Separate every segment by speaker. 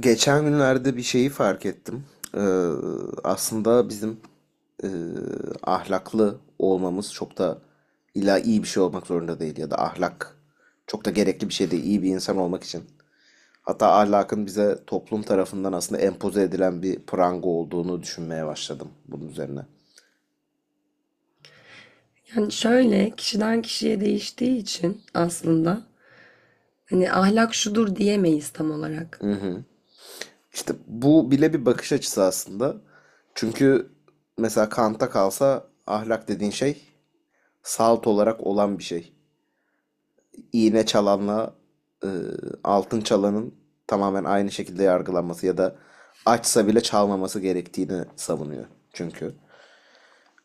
Speaker 1: Geçen günlerde bir şeyi fark ettim. Ee, Aslında bizim e, ahlaklı olmamız çok da illa iyi bir şey olmak zorunda değil ya da ahlak çok da gerekli bir şey değil iyi bir insan olmak için. Hatta ahlakın bize toplum tarafından aslında empoze edilen bir pranga olduğunu düşünmeye başladım bunun üzerine.
Speaker 2: Yani şöyle kişiden kişiye değiştiği için aslında hani ahlak şudur diyemeyiz tam olarak.
Speaker 1: İşte bu bile bir bakış açısı aslında. Çünkü mesela Kant'a kalsa ahlak dediğin şey salt olarak olan bir şey. İğne çalanla e, altın çalanın tamamen aynı şekilde yargılanması ya da açsa bile çalmaması gerektiğini savunuyor çünkü.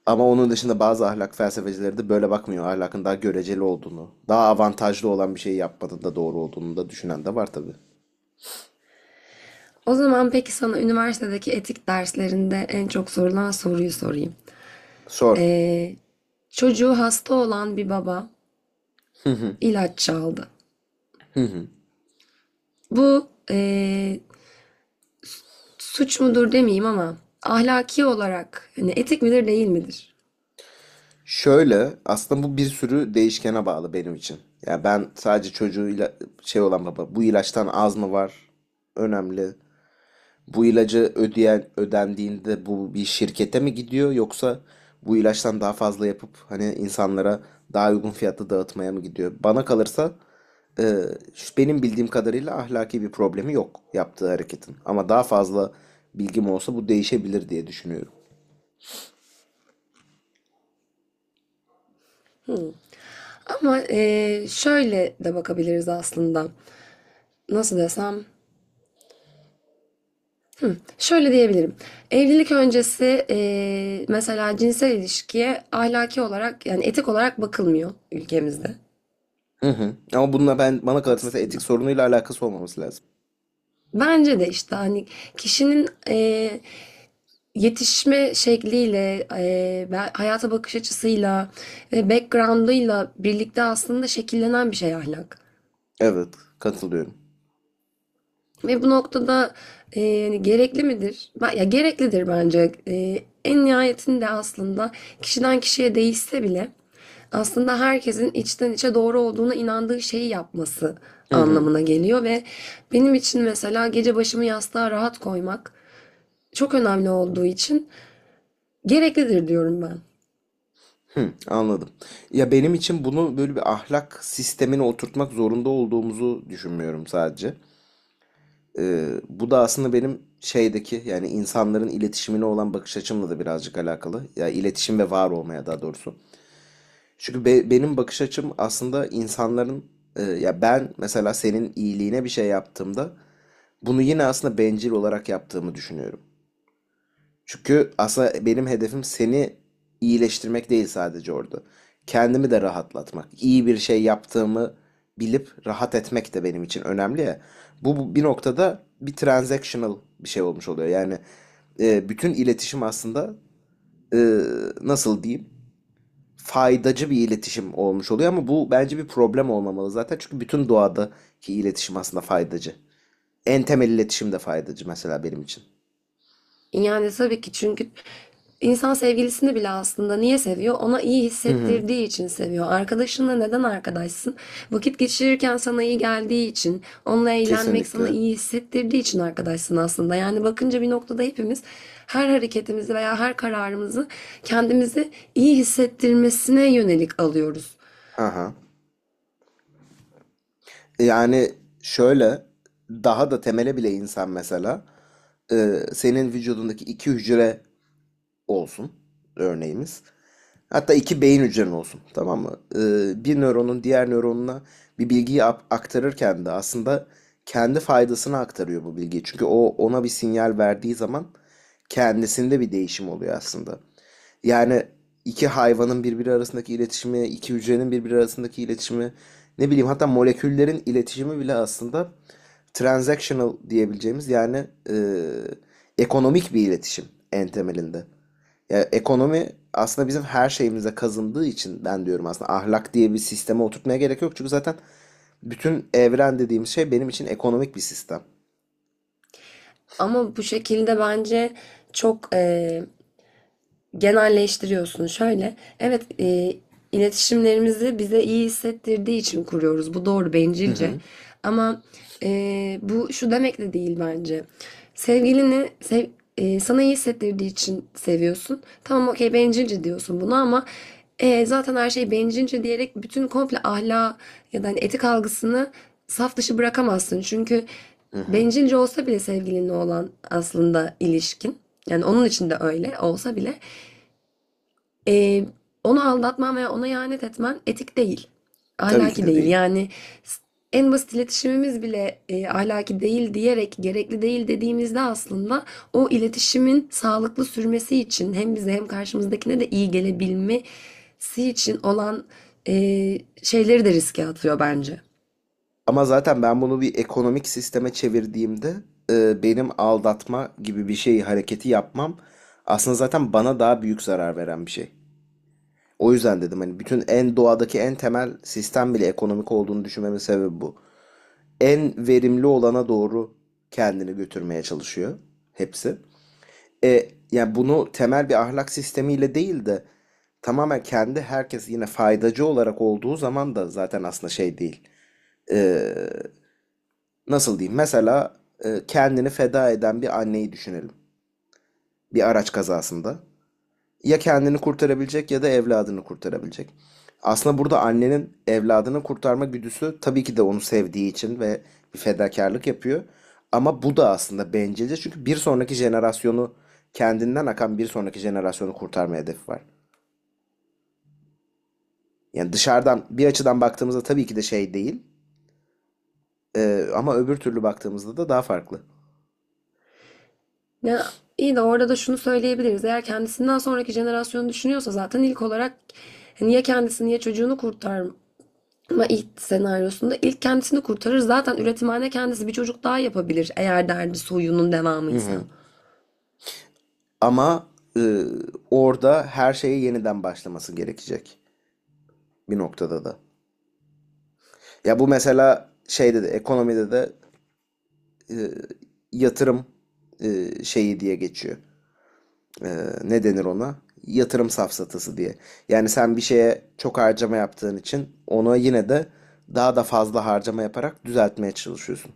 Speaker 1: Ama onun dışında bazı ahlak felsefecileri de böyle bakmıyor. Ahlakın daha göreceli olduğunu, daha avantajlı olan bir şeyi yapmanın da doğru olduğunu da düşünen de var tabii.
Speaker 2: O zaman peki sana üniversitedeki etik derslerinde en çok sorulan soruyu sorayım.
Speaker 1: Sor.
Speaker 2: Ee, Çocuğu hasta olan bir baba ilaç çaldı. Bu suç mudur demeyeyim ama ahlaki olarak hani etik midir değil midir?
Speaker 1: Şöyle aslında bu bir sürü değişkene bağlı benim için. Yani ben sadece çocuğuyla şey olan baba bu ilaçtan az mı var önemli. Bu ilacı ödeyen ödendiğinde bu bir şirkete mi gidiyor yoksa bu ilaçtan daha fazla yapıp hani insanlara daha uygun fiyatla dağıtmaya mı gidiyor? Bana kalırsa e, benim bildiğim kadarıyla ahlaki bir problemi yok yaptığı hareketin. Ama daha fazla bilgim olsa bu değişebilir diye düşünüyorum.
Speaker 2: Hmm. Ama şöyle de bakabiliriz aslında. Nasıl desem? Şöyle diyebilirim. Evlilik öncesi mesela cinsel ilişkiye ahlaki olarak yani etik olarak bakılmıyor ülkemizde
Speaker 1: Hı hı. Ama bununla ben bana kalırsa mesela etik
Speaker 2: aslında.
Speaker 1: sorunuyla alakası olmaması lazım.
Speaker 2: Bence de işte hani kişinin yetişme şekliyle, hayata bakış açısıyla ve background'ıyla birlikte aslında şekillenen bir şey ahlak.
Speaker 1: Evet, katılıyorum.
Speaker 2: Ve bu noktada yani gerekli midir? Ya gereklidir bence. En nihayetinde aslında kişiden kişiye değişse bile aslında herkesin içten içe doğru olduğuna inandığı şeyi yapması
Speaker 1: Hı hı.
Speaker 2: anlamına geliyor ve benim için mesela gece başımı yastığa rahat koymak çok önemli olduğu için gereklidir diyorum ben.
Speaker 1: Hı, anladım. Ya benim için bunu böyle bir ahlak sistemine oturtmak zorunda olduğumuzu düşünmüyorum sadece. Bu da aslında benim şeydeki yani insanların iletişimine olan bakış açımla da birazcık alakalı. Ya iletişim ve var olmaya daha doğrusu. Çünkü benim bakış açım aslında insanların ya ben mesela senin iyiliğine bir şey yaptığımda bunu yine aslında bencil olarak yaptığımı düşünüyorum. Çünkü aslında benim hedefim seni iyileştirmek değil sadece orada. Kendimi de rahatlatmak. İyi bir şey yaptığımı bilip rahat etmek de benim için önemli ya. Bu bir noktada bir transactional bir şey olmuş oluyor. Yani bütün iletişim aslında e, nasıl diyeyim faydacı bir iletişim olmuş oluyor ama bu bence bir problem olmamalı zaten. Çünkü bütün doğadaki iletişim aslında faydacı. En temel iletişim de faydacı mesela benim için.
Speaker 2: Yani tabii ki çünkü insan sevgilisini bile aslında niye seviyor? Ona iyi
Speaker 1: Hı hı.
Speaker 2: hissettirdiği için seviyor. Arkadaşınla neden arkadaşsın? Vakit geçirirken sana iyi geldiği için, onunla eğlenmek sana
Speaker 1: Kesinlikle.
Speaker 2: iyi hissettirdiği için arkadaşsın aslında. Yani bakınca bir noktada hepimiz her hareketimizi veya her kararımızı kendimizi iyi hissettirmesine yönelik alıyoruz.
Speaker 1: Hı hı. Yani şöyle daha da temele bile insan mesela senin vücudundaki iki hücre olsun örneğimiz. Hatta iki beyin hücren olsun tamam mı? Bir nöronun diğer nöronuna bir bilgiyi aktarırken de aslında kendi faydasına aktarıyor bu bilgiyi. Çünkü o ona bir sinyal verdiği zaman kendisinde bir değişim oluyor aslında. Yani iki hayvanın birbiri arasındaki iletişimi, iki hücrenin birbiri arasındaki iletişimi, ne bileyim hatta moleküllerin iletişimi bile aslında transactional diyebileceğimiz yani ekonomik bir iletişim en temelinde. Yani ekonomi aslında bizim her şeyimize kazındığı için ben diyorum aslında ahlak diye bir sisteme oturtmaya gerek yok. Çünkü zaten bütün evren dediğimiz şey benim için ekonomik bir sistem.
Speaker 2: Ama bu şekilde bence çok genelleştiriyorsun. Şöyle, evet, iletişimlerimizi bize iyi hissettirdiği için kuruyoruz. Bu doğru,
Speaker 1: Hı
Speaker 2: bencilce.
Speaker 1: hı,
Speaker 2: Ama bu şu demek de değil bence. Sevgilini sev, Sana iyi hissettirdiği için seviyorsun. Tamam, okey, bencilce diyorsun bunu ama zaten her şey bencilce diyerek bütün komple ahlak ya da hani etik algısını saf dışı bırakamazsın. Çünkü
Speaker 1: hı hı.
Speaker 2: bencilce olsa bile sevgilinle olan aslında ilişkin. Yani onun için de öyle olsa bile Eee, onu aldatman veya ona ihanet etmen etik değil.
Speaker 1: Tabii ki
Speaker 2: Ahlaki
Speaker 1: de
Speaker 2: değil.
Speaker 1: değil.
Speaker 2: S- En basit iletişimimiz bile ahlaki değil diyerek gerekli değil dediğimizde aslında o iletişimin sağlıklı sürmesi için hem bize hem karşımızdakine de iyi gelebilmesi için olan şeyleri de riske atıyor bence.
Speaker 1: Ama zaten ben bunu bir ekonomik sisteme çevirdiğimde benim aldatma gibi bir şey hareketi yapmam aslında zaten bana daha büyük zarar veren bir şey. O yüzden dedim hani bütün en doğadaki en temel sistem bile ekonomik olduğunu düşünmemin sebebi bu. En verimli olana doğru kendini götürmeye çalışıyor hepsi. Yani bunu temel bir ahlak sistemiyle değil de tamamen kendi herkes yine faydacı olarak olduğu zaman da zaten aslında şey değil e, nasıl diyeyim? Mesela kendini feda eden bir anneyi düşünelim. Bir araç kazasında. Ya kendini kurtarabilecek ya da evladını kurtarabilecek. Aslında burada annenin evladını kurtarma güdüsü tabii ki de onu sevdiği için ve bir fedakarlık yapıyor. Ama bu da aslında bencilce çünkü bir sonraki jenerasyonu kendinden akan bir sonraki jenerasyonu kurtarma hedefi var. Yani dışarıdan bir açıdan baktığımızda tabii ki de şey değil. Ama öbür türlü baktığımızda da daha farklı.
Speaker 2: Ya iyi de orada da şunu söyleyebiliriz. Eğer kendisinden sonraki jenerasyonu düşünüyorsa zaten ilk olarak niye çocuğunu kurtar, ama ilk senaryosunda ilk kendisini kurtarır. Zaten üretimhane kendisi bir çocuk daha yapabilir eğer derdi soyunun
Speaker 1: Hı
Speaker 2: devamıysa.
Speaker 1: hı. Ama e, orada her şeyi yeniden başlaması gerekecek bir noktada da. Ya bu mesela şeyde de ekonomide de e, yatırım şeyi diye geçiyor. E, Ne denir ona? Yatırım safsatası diye. Yani sen bir şeye çok harcama yaptığın için ona yine de daha da fazla harcama yaparak düzeltmeye çalışıyorsun.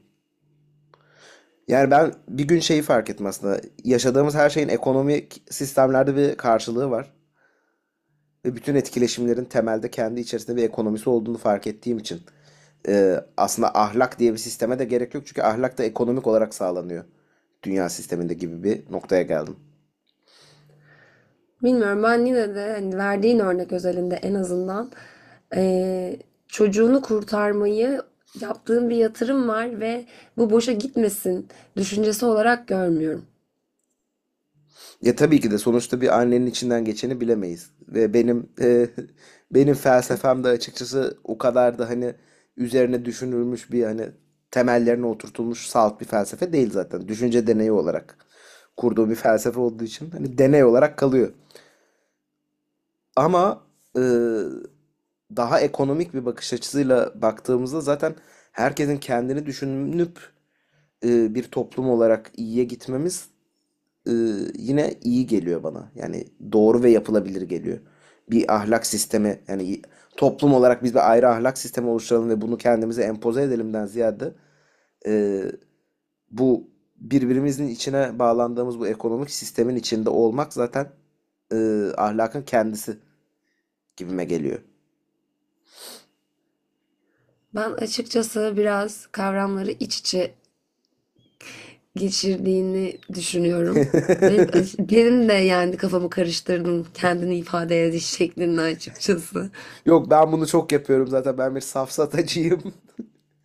Speaker 1: Yani ben bir gün şeyi fark ettim aslında. Yaşadığımız her şeyin ekonomik sistemlerde bir karşılığı var. Ve bütün etkileşimlerin temelde kendi içerisinde bir ekonomisi olduğunu fark ettiğim için aslında ahlak diye bir sisteme de gerek yok. Çünkü ahlak da ekonomik olarak sağlanıyor dünya sisteminde gibi bir noktaya geldim.
Speaker 2: Bilmiyorum, ben yine de hani verdiğin örnek özelinde en azından eee, çocuğunu kurtarmayı yaptığın bir yatırım var ve bu boşa gitmesin düşüncesi olarak görmüyorum.
Speaker 1: Ya tabii ki de sonuçta bir annenin içinden geçeni bilemeyiz. Ve benim benim felsefem de açıkçası o kadar da hani üzerine düşünülmüş bir hani temellerine oturtulmuş salt bir felsefe değil zaten. Düşünce deneyi olarak kurduğu bir felsefe olduğu için hani deney olarak kalıyor. Ama ııı, daha ekonomik bir bakış açısıyla baktığımızda zaten herkesin kendini düşünüp bir toplum olarak iyiye gitmemiz yine iyi geliyor bana. Yani doğru ve yapılabilir geliyor. Bir ahlak sistemi yani toplum olarak biz bir ayrı ahlak sistemi oluşturalım ve bunu kendimize empoze edelimden ziyade ııı, bu birbirimizin içine bağlandığımız bu ekonomik sistemin içinde olmak zaten ahlakın kendisi gibime geliyor.
Speaker 2: Ben açıkçası biraz kavramları iç içe geçirdiğini düşünüyorum. Ve benim de yani kafamı karıştırdın kendini ifade ediş şeklinde açıkçası.
Speaker 1: Yok ben bunu çok yapıyorum zaten. Ben bir safsatacıyım.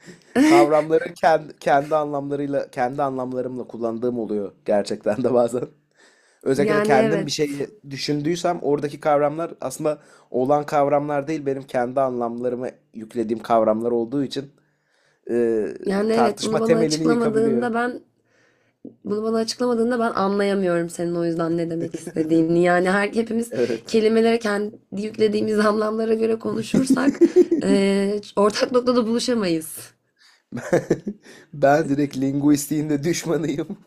Speaker 1: Kavramları kendi anlamlarımla kullandığım oluyor gerçekten de bazen. Özellikle de
Speaker 2: Yani
Speaker 1: kendim bir şey
Speaker 2: evet.
Speaker 1: düşündüysem oradaki kavramlar aslında olan kavramlar değil benim kendi anlamlarıma yüklediğim kavramlar olduğu için e,
Speaker 2: Yani evet,
Speaker 1: tartışma temelini yıkabiliyor.
Speaker 2: bunu bana açıklamadığında ben anlayamıyorum senin o yüzden ne demek istediğini. Yani hepimiz
Speaker 1: Evet.
Speaker 2: kelimelere kendi yüklediğimiz anlamlara göre konuşursak ortak noktada buluşamayız.
Speaker 1: Ben direkt linguistiğin de düşmanıyım.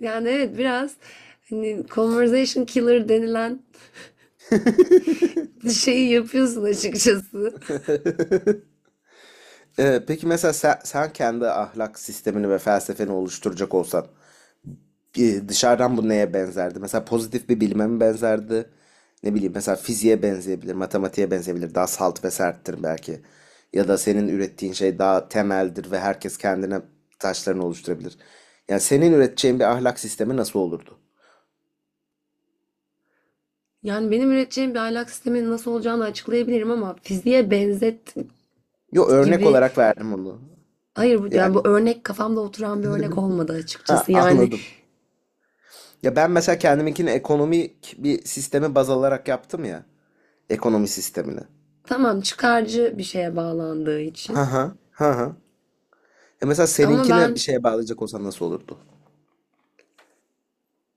Speaker 2: Yani evet, biraz hani conversation killer denilen şeyi yapıyorsun açıkçası.
Speaker 1: Peki mesela sen kendi ahlak sistemini ve felsefeni oluşturacak olsan dışarıdan bu neye benzerdi? Mesela pozitif bir bilime mi benzerdi? Ne bileyim mesela fiziğe benzeyebilir, matematiğe benzeyebilir. Daha salt ve serttir belki. Ya da senin ürettiğin şey daha temeldir ve herkes kendine taşlarını oluşturabilir. Yani senin üreteceğin bir ahlak sistemi nasıl olurdu?
Speaker 2: Yani benim üreteceğim bir ahlak sisteminin nasıl olacağını açıklayabilirim ama fiziğe benzet
Speaker 1: Yo örnek
Speaker 2: gibi.
Speaker 1: olarak verdim onu.
Speaker 2: Hayır, bu yani
Speaker 1: Yani
Speaker 2: bu örnek kafamda oturan bir örnek olmadı
Speaker 1: ha
Speaker 2: açıkçası. Yani
Speaker 1: anladım. Ya ben mesela kendiminkini ekonomik bir sistemi baz alarak yaptım ya ekonomi sistemini.
Speaker 2: tamam, çıkarcı bir şeye bağlandığı
Speaker 1: Ha
Speaker 2: için.
Speaker 1: ha ha ha. E mesela
Speaker 2: Ama
Speaker 1: seninkine bir
Speaker 2: ben
Speaker 1: şeye bağlayacak olsan nasıl olurdu?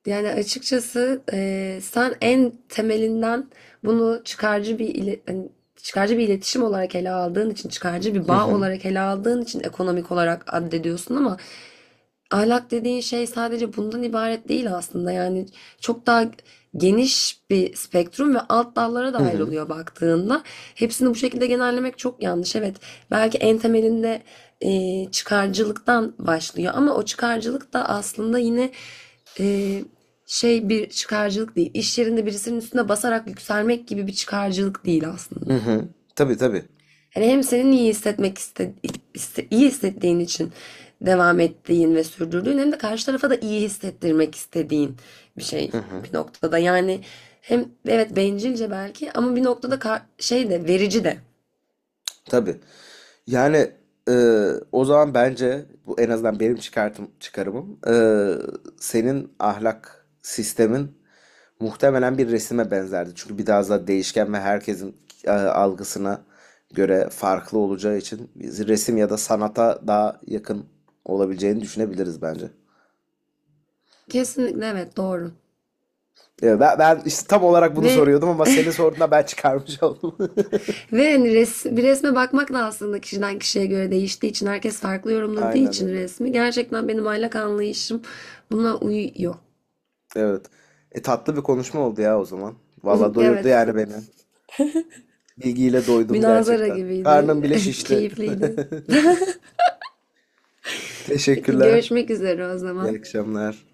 Speaker 2: yani açıkçası, sen en temelinden bunu çıkarcı bir iletişim olarak ele aldığın için, çıkarcı bir
Speaker 1: Hı
Speaker 2: bağ
Speaker 1: hı.
Speaker 2: olarak ele aldığın için ekonomik olarak addediyorsun ama ahlak dediğin şey sadece bundan ibaret değil aslında. Yani çok daha geniş bir spektrum ve alt dallara da
Speaker 1: Hı hı.
Speaker 2: ayrılıyor baktığında. Hepsini bu şekilde genellemek çok yanlış. Evet, belki en temelinde çıkarcılıktan başlıyor ama o çıkarcılık da aslında yine e, bir çıkarcılık değil. İş yerinde birisinin üstüne basarak yükselmek gibi bir çıkarcılık değil
Speaker 1: Hı
Speaker 2: aslında.
Speaker 1: hı. Tabii tabii.
Speaker 2: Hani hem senin iyi hissetmek iste, iste- iyi hissettiğin için devam ettiğin ve sürdürdüğün hem de karşı tarafa da iyi hissettirmek istediğin bir şey
Speaker 1: Hı hı.
Speaker 2: bir noktada. Yani hem evet bencilce belki ama bir noktada ka- şey de verici de.
Speaker 1: Tabii. Yani e, o zaman bence bu en azından benim çıkarımım senin ahlak sistemin muhtemelen bir resime benzerdi. Çünkü bir daha fazla değişken ve herkesin algısına göre farklı olacağı için biz resim ya da sanata daha yakın olabileceğini düşünebiliriz bence.
Speaker 2: Kesinlikle, evet, doğru.
Speaker 1: Ya ben işte tam olarak bunu
Speaker 2: Ve
Speaker 1: soruyordum ama senin sorduğunda ben çıkarmış oldum.
Speaker 2: Bir resme bakmak da aslında kişiden kişiye göre değiştiği için herkes farklı yorumladığı
Speaker 1: Aynen
Speaker 2: için
Speaker 1: öyle.
Speaker 2: resmi gerçekten benim aylak anlayışım buna uyuyor.
Speaker 1: Evet. E tatlı bir konuşma oldu ya o zaman. Valla doyurdu
Speaker 2: Evet,
Speaker 1: yani beni. Bilgiyle doydum
Speaker 2: münazara
Speaker 1: gerçekten. Karnım
Speaker 2: gibiydi.
Speaker 1: bile şişti.
Speaker 2: Keyifliydi. Peki,
Speaker 1: Teşekkürler.
Speaker 2: görüşmek üzere o
Speaker 1: İyi
Speaker 2: zaman.
Speaker 1: akşamlar.